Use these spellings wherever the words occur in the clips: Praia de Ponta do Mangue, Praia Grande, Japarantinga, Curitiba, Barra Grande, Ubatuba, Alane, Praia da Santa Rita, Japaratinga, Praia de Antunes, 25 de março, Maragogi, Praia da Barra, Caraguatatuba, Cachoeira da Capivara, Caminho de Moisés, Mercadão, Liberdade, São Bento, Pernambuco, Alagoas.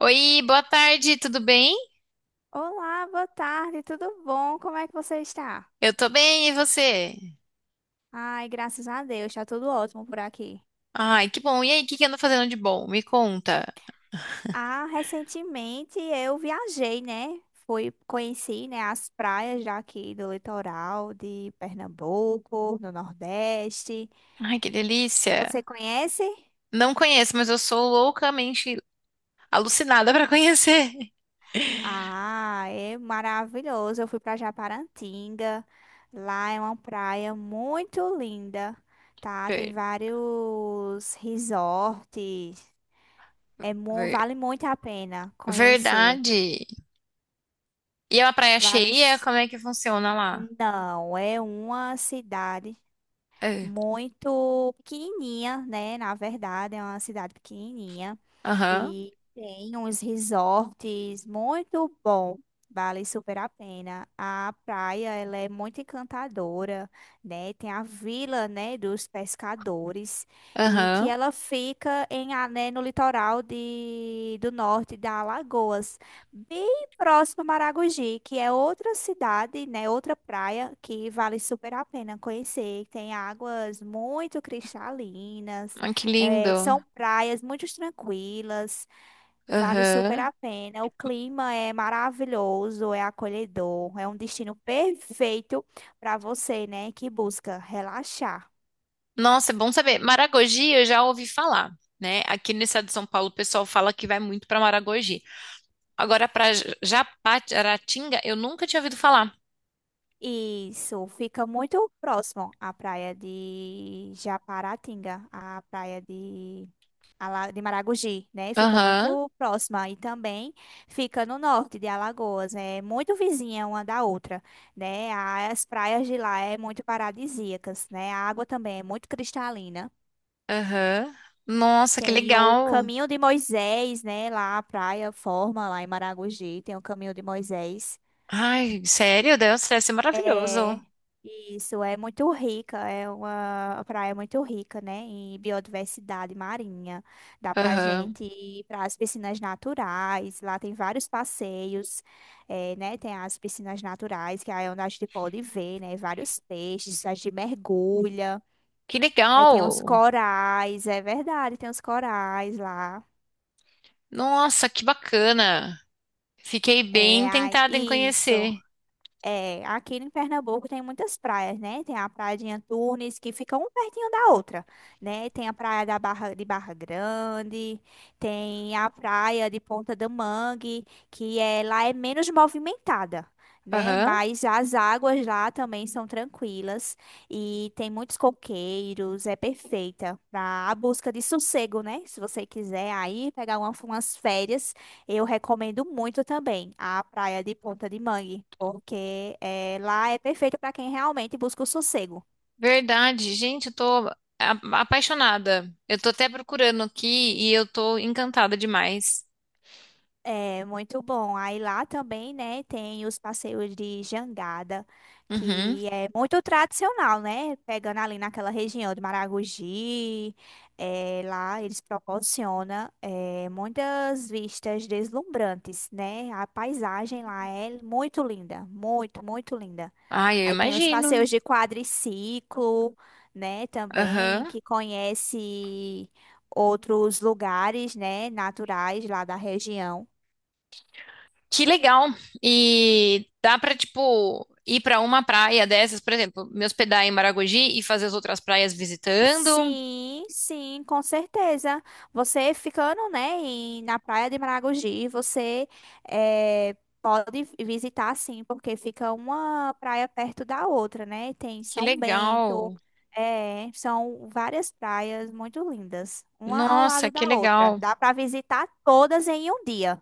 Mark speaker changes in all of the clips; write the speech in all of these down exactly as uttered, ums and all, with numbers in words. Speaker 1: Oi, boa tarde, tudo bem?
Speaker 2: Olá, boa tarde, tudo bom? Como é que você está?
Speaker 1: Eu tô bem, e você?
Speaker 2: Ai, graças a Deus, está tudo ótimo por aqui.
Speaker 1: Ai, que bom. E aí, o que que anda fazendo de bom? Me conta.
Speaker 2: Ah, recentemente eu viajei, né? Fui, conheci, né, as praias daqui do litoral de Pernambuco, no Nordeste.
Speaker 1: Ai, que
Speaker 2: Você
Speaker 1: delícia.
Speaker 2: conhece?
Speaker 1: Não conheço, mas eu sou loucamente alucinada pra conhecer.
Speaker 2: Ah, é maravilhoso. Eu fui para Japarantinga. Lá é uma praia muito linda, tá? Tem
Speaker 1: Ver-
Speaker 2: vários resorts. É mu-
Speaker 1: ver-
Speaker 2: vale muito a pena conhecer.
Speaker 1: verdade. E é uma praia
Speaker 2: Vale.
Speaker 1: cheia?
Speaker 2: s-
Speaker 1: Como é que funciona lá?
Speaker 2: Não, é uma cidade
Speaker 1: É.
Speaker 2: muito pequenininha, né? Na verdade, é uma cidade pequenininha.
Speaker 1: Aham,
Speaker 2: E tem uns resorts muito bom, vale super a pena. A praia, ela é muito encantadora, né? Tem a vila, né, dos pescadores e que
Speaker 1: aham.
Speaker 2: ela fica em a- né, no litoral de, do norte da Alagoas, bem próximo a Maragogi, que é outra cidade, né, outra praia que vale super a pena conhecer. Tem águas muito cristalinas,
Speaker 1: Ai, que
Speaker 2: é,
Speaker 1: lindo.
Speaker 2: são praias muito tranquilas, vale super
Speaker 1: Aham.
Speaker 2: a pena. O clima é maravilhoso, é acolhedor, é um destino perfeito para você, né, que busca relaxar.
Speaker 1: Nossa, é bom saber. Maragogi, eu já ouvi falar, né? Aqui no estado de São Paulo, o pessoal fala que vai muito pra Maragogi. Agora, para Japaratinga, eu nunca tinha ouvido falar.
Speaker 2: Isso, fica muito próximo à praia de Japaratinga, a praia de a La- de Maragogi, né? Fica
Speaker 1: Aham,
Speaker 2: muito próxima e também fica no norte de Alagoas, é muito vizinha uma da outra, né? As praias de lá é muito paradisíacas, né? A água também é muito cristalina.
Speaker 1: aham. Nossa, que
Speaker 2: Tem o
Speaker 1: legal.
Speaker 2: Caminho de Moisés, né? Lá a praia forma lá em Maragogi, tem o Caminho de Moisés.
Speaker 1: Ai, sério, Deus, deve ser
Speaker 2: É,
Speaker 1: maravilhoso.
Speaker 2: isso é muito rica, é uma praia é muito rica, né, em biodiversidade marinha. Dá pra
Speaker 1: Aham.
Speaker 2: gente ir para as piscinas naturais, lá tem vários passeios, é, né, tem as piscinas naturais, que aí é onde a gente pode ver, né, vários peixes, a gente mergulha.
Speaker 1: Que
Speaker 2: Aí tem os
Speaker 1: legal.
Speaker 2: corais, é verdade, tem os corais lá.
Speaker 1: Nossa, que bacana. Fiquei
Speaker 2: É,
Speaker 1: bem
Speaker 2: ai,
Speaker 1: tentada em
Speaker 2: isso.
Speaker 1: conhecer.
Speaker 2: É, aqui em Pernambuco tem muitas praias, né? Tem a Praia de Antunes, que fica um pertinho da outra, né? Tem a Praia da Barra, de Barra Grande, tem a Praia de Ponta do Mangue, que é, lá é menos movimentada, né?
Speaker 1: Aham.
Speaker 2: Mas as águas lá também são tranquilas e tem muitos coqueiros, é perfeita para a busca de sossego, né? Se você quiser aí pegar uma- umas férias, eu recomendo muito também a praia de Ponta de Mangue, porque eh, lá é perfeito para quem realmente busca o sossego.
Speaker 1: Verdade, gente, eu tô a- apaixonada. Eu tô até procurando aqui e eu tô encantada demais.
Speaker 2: É muito bom. Aí lá também, né, tem os passeios de jangada,
Speaker 1: Uhum.
Speaker 2: que é muito tradicional, né? Pegando ali naquela região de Maragogi, é, lá eles proporcionam é, muitas vistas deslumbrantes, né? A paisagem lá é muito linda, muito, muito linda.
Speaker 1: Ai, eu
Speaker 2: Aí tem os
Speaker 1: imagino.
Speaker 2: passeios de quadriciclo, né, também,
Speaker 1: Aham.
Speaker 2: que conhece outros lugares, né, naturais lá da região.
Speaker 1: Que legal! E dá pra, tipo, ir pra uma praia dessas, por exemplo, me hospedar em Maragogi e fazer as outras praias visitando?
Speaker 2: Sim, sim, com certeza. Você ficando, né, em- na Praia de Maragogi, você eh, pode visitar, sim, porque fica uma praia perto da outra, né? Tem
Speaker 1: Que
Speaker 2: São Bento,
Speaker 1: legal!
Speaker 2: eh, são várias praias muito lindas, uma ao
Speaker 1: Nossa,
Speaker 2: lado
Speaker 1: que
Speaker 2: da outra.
Speaker 1: legal!
Speaker 2: Dá para visitar todas em um dia.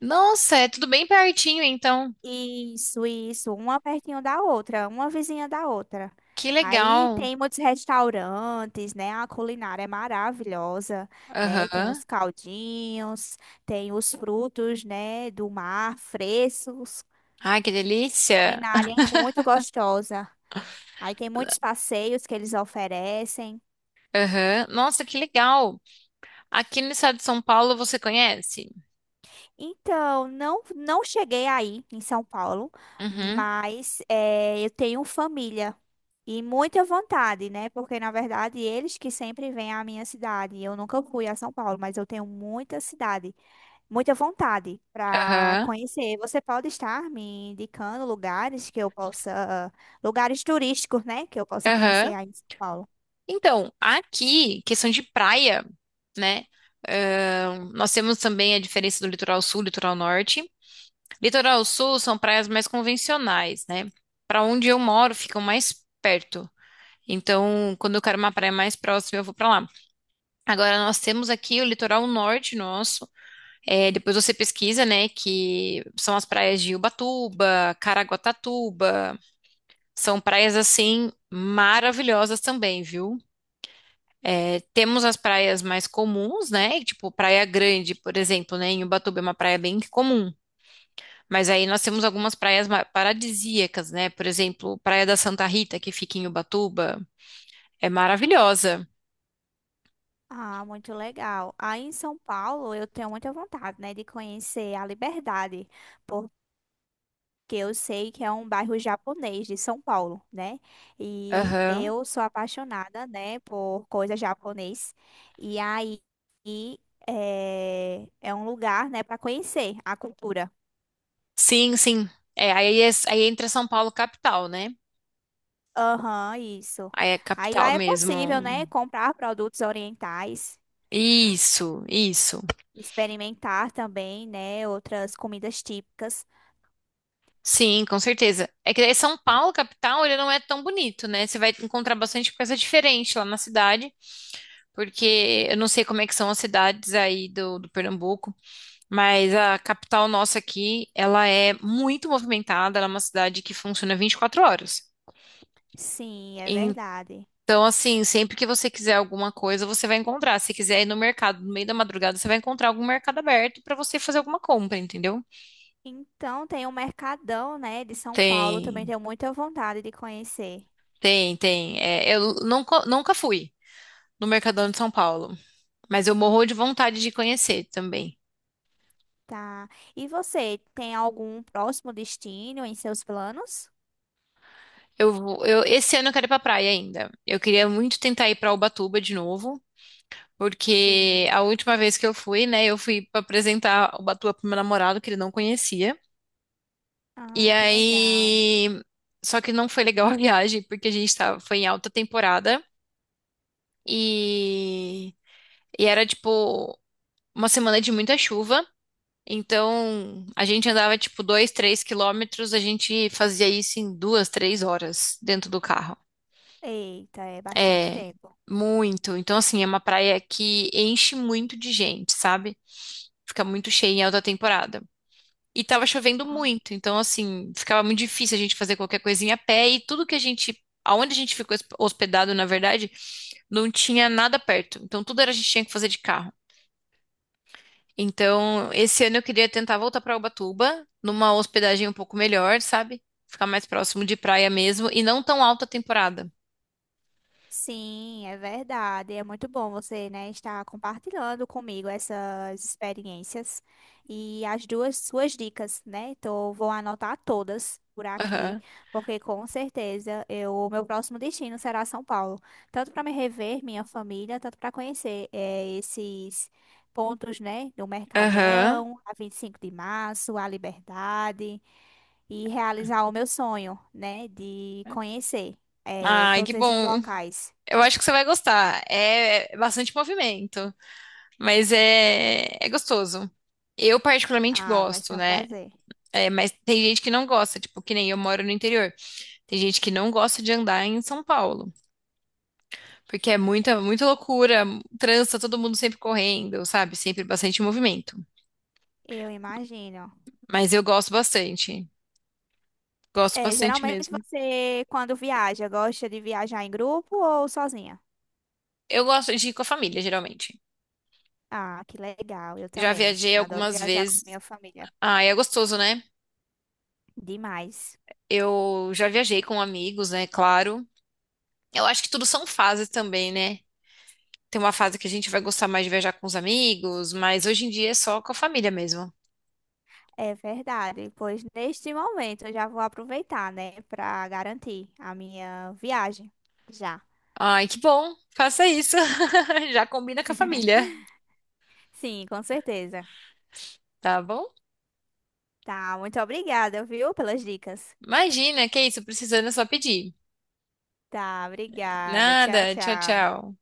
Speaker 1: Nossa, é tudo bem pertinho, então.
Speaker 2: Isso, isso, uma pertinho da outra, uma vizinha da outra.
Speaker 1: Que
Speaker 2: Aí
Speaker 1: legal!
Speaker 2: tem muitos restaurantes, né? A culinária é maravilhosa, né? Tem
Speaker 1: Aham.
Speaker 2: os caldinhos, tem os frutos, né, do mar, frescos.
Speaker 1: Ai, que delícia!
Speaker 2: Culinária é muito gostosa. Aí tem muitos passeios que eles oferecem.
Speaker 1: Aham. Nossa, que legal! Aqui no estado de São Paulo você conhece?
Speaker 2: Então, não, não cheguei aí em São Paulo,
Speaker 1: Uhum.
Speaker 2: mas eh, eu tenho família e muita vontade, né? Porque na verdade eles que sempre vêm à minha cidade. Eu nunca fui a São Paulo, mas eu tenho muita cidade, muita vontade para
Speaker 1: Aham.
Speaker 2: conhecer. Você pode estar me indicando lugares que eu possa, lugares turísticos, né? Que eu possa conhecer
Speaker 1: Aham.
Speaker 2: aí em São Paulo.
Speaker 1: Então, aqui, questão de praia. Né? Nós temos também a diferença do litoral sul e litoral norte. Litoral sul são praias mais convencionais, né? Para onde eu moro, ficam mais perto. Então, quando eu quero uma praia mais próxima, eu vou para lá. Agora, nós temos aqui o litoral norte nosso. É, depois você pesquisa, né? Que são as praias de Ubatuba, Caraguatatuba. São praias assim maravilhosas também, viu? É, temos as praias mais comuns, né? Tipo, Praia Grande, por exemplo, né? Em Ubatuba é uma praia bem comum. Mas aí nós temos algumas praias ma- paradisíacas, né? Por exemplo, Praia da Santa Rita, que fica em Ubatuba, é maravilhosa.
Speaker 2: Ah, muito legal. Aí em São Paulo eu tenho muita vontade, né, de conhecer a Liberdade, que eu sei que é um bairro japonês de São Paulo, né? E
Speaker 1: Aham.
Speaker 2: eu sou apaixonada, né, por coisa japonês. E aí e, é, é um lugar, né, para conhecer a cultura.
Speaker 1: Sim, sim. É, aí, é- aí entra São Paulo capital, né?
Speaker 2: Aham, isso.
Speaker 1: Aí é
Speaker 2: Aí lá
Speaker 1: capital
Speaker 2: é possível, né,
Speaker 1: mesmo.
Speaker 2: comprar produtos orientais,
Speaker 1: Isso, isso.
Speaker 2: experimentar também, né, outras comidas típicas.
Speaker 1: Sim, com certeza. É que daí São Paulo capital, ele não é tão bonito, né? Você vai encontrar bastante coisa diferente lá na cidade, porque eu não sei como é que são as cidades aí do, do Pernambuco. Mas a capital nossa aqui, ela é muito movimentada, ela é uma cidade que funciona vinte e quatro horas.
Speaker 2: Sim, é
Speaker 1: Então,
Speaker 2: verdade.
Speaker 1: assim, sempre que você quiser alguma coisa, você vai encontrar. Se quiser ir no mercado no meio da madrugada, você vai encontrar algum mercado aberto para você fazer alguma compra, entendeu?
Speaker 2: Então tem o Mercadão, né, de São Paulo, também
Speaker 1: Tem,
Speaker 2: tenho muita vontade de conhecer.
Speaker 1: tem, Tem. É, eu nunca, nunca fui no Mercadão de São Paulo, mas eu morro de vontade de conhecer também.
Speaker 2: Tá. E você, tem algum próximo destino em seus planos?
Speaker 1: Eu, vou- eu, esse ano eu quero ir pra praia ainda. Eu queria muito tentar ir pra Ubatuba de novo.
Speaker 2: Sim.
Speaker 1: Porque a última vez que eu fui, né, eu fui pra apresentar o Batuba pro meu namorado, que ele não conhecia. E
Speaker 2: Ah, que legal.
Speaker 1: aí. Só que não foi legal a viagem, porque a gente tava, foi em alta temporada e, e era tipo uma semana de muita chuva. Então a gente andava tipo dois, três quilômetros, a gente fazia isso em duas, três horas dentro do carro.
Speaker 2: Eita, é bastante
Speaker 1: É
Speaker 2: tempo.
Speaker 1: muito. Então, assim, é uma praia que enche muito de gente, sabe? Fica muito cheia em alta temporada. E tava chovendo
Speaker 2: Ah.
Speaker 1: muito, então assim, ficava muito difícil a gente fazer qualquer coisinha a pé e tudo que a gente, aonde a gente ficou hosp- hospedado, na verdade, não tinha nada perto. Então tudo era a gente tinha que fazer de carro. Então, esse ano eu queria tentar voltar pra Ubatuba, numa hospedagem um pouco melhor, sabe? Ficar mais próximo de praia mesmo e não tão alta temporada.
Speaker 2: Sim, é verdade. É muito bom você, né, estar compartilhando comigo essas experiências e as duas suas dicas, né? Então, vou anotar todas por aqui,
Speaker 1: Aham.
Speaker 2: porque com certeza eu, o meu próximo destino será São Paulo, tanto para me rever minha família, tanto para conhecer eh, esses pontos, né, do
Speaker 1: Aham.
Speaker 2: Mercadão, a vinte e cinco de março, a Liberdade e realizar o meu sonho, né, de conhecer eh,
Speaker 1: Ai, que
Speaker 2: todos esses
Speaker 1: bom.
Speaker 2: locais.
Speaker 1: Eu acho que você vai gostar. É é bastante movimento. Mas é, é gostoso. Eu particularmente
Speaker 2: Ah, vai
Speaker 1: gosto,
Speaker 2: ser um
Speaker 1: né?
Speaker 2: prazer.
Speaker 1: É, mas tem gente que não gosta, tipo, que nem eu moro no interior. Tem gente que não gosta de andar em São Paulo, porque é muita, muita loucura, trança, todo mundo sempre correndo, sabe? Sempre bastante movimento.
Speaker 2: Eu imagino.
Speaker 1: Mas eu gosto bastante. Gosto
Speaker 2: É,
Speaker 1: bastante
Speaker 2: geralmente
Speaker 1: mesmo.
Speaker 2: você, quando viaja, gosta de viajar em grupo ou sozinha?
Speaker 1: Eu gosto de ir com a família, geralmente.
Speaker 2: Ah, que legal, eu
Speaker 1: Já
Speaker 2: também.
Speaker 1: viajei
Speaker 2: Adoro
Speaker 1: algumas
Speaker 2: viajar com
Speaker 1: vezes.
Speaker 2: minha família.
Speaker 1: Ah, é gostoso, né?
Speaker 2: Demais.
Speaker 1: Eu já viajei com amigos, né? Claro. Eu acho que tudo são fases também, né? Tem uma fase que a gente vai gostar mais de viajar com os amigos, mas hoje em dia é só com a família mesmo.
Speaker 2: É verdade, pois neste momento eu já vou aproveitar, né, para garantir a minha viagem. Já.
Speaker 1: Ai, que bom. Faça isso. Já combina com a família,
Speaker 2: Sim, com certeza.
Speaker 1: tá bom?
Speaker 2: Tá, muito obrigada, viu, pelas dicas.
Speaker 1: Imagina, que isso, precisando é só pedir.
Speaker 2: Tá, obrigada. Tchau,
Speaker 1: Nada, tchau,
Speaker 2: tchau.
Speaker 1: tchau.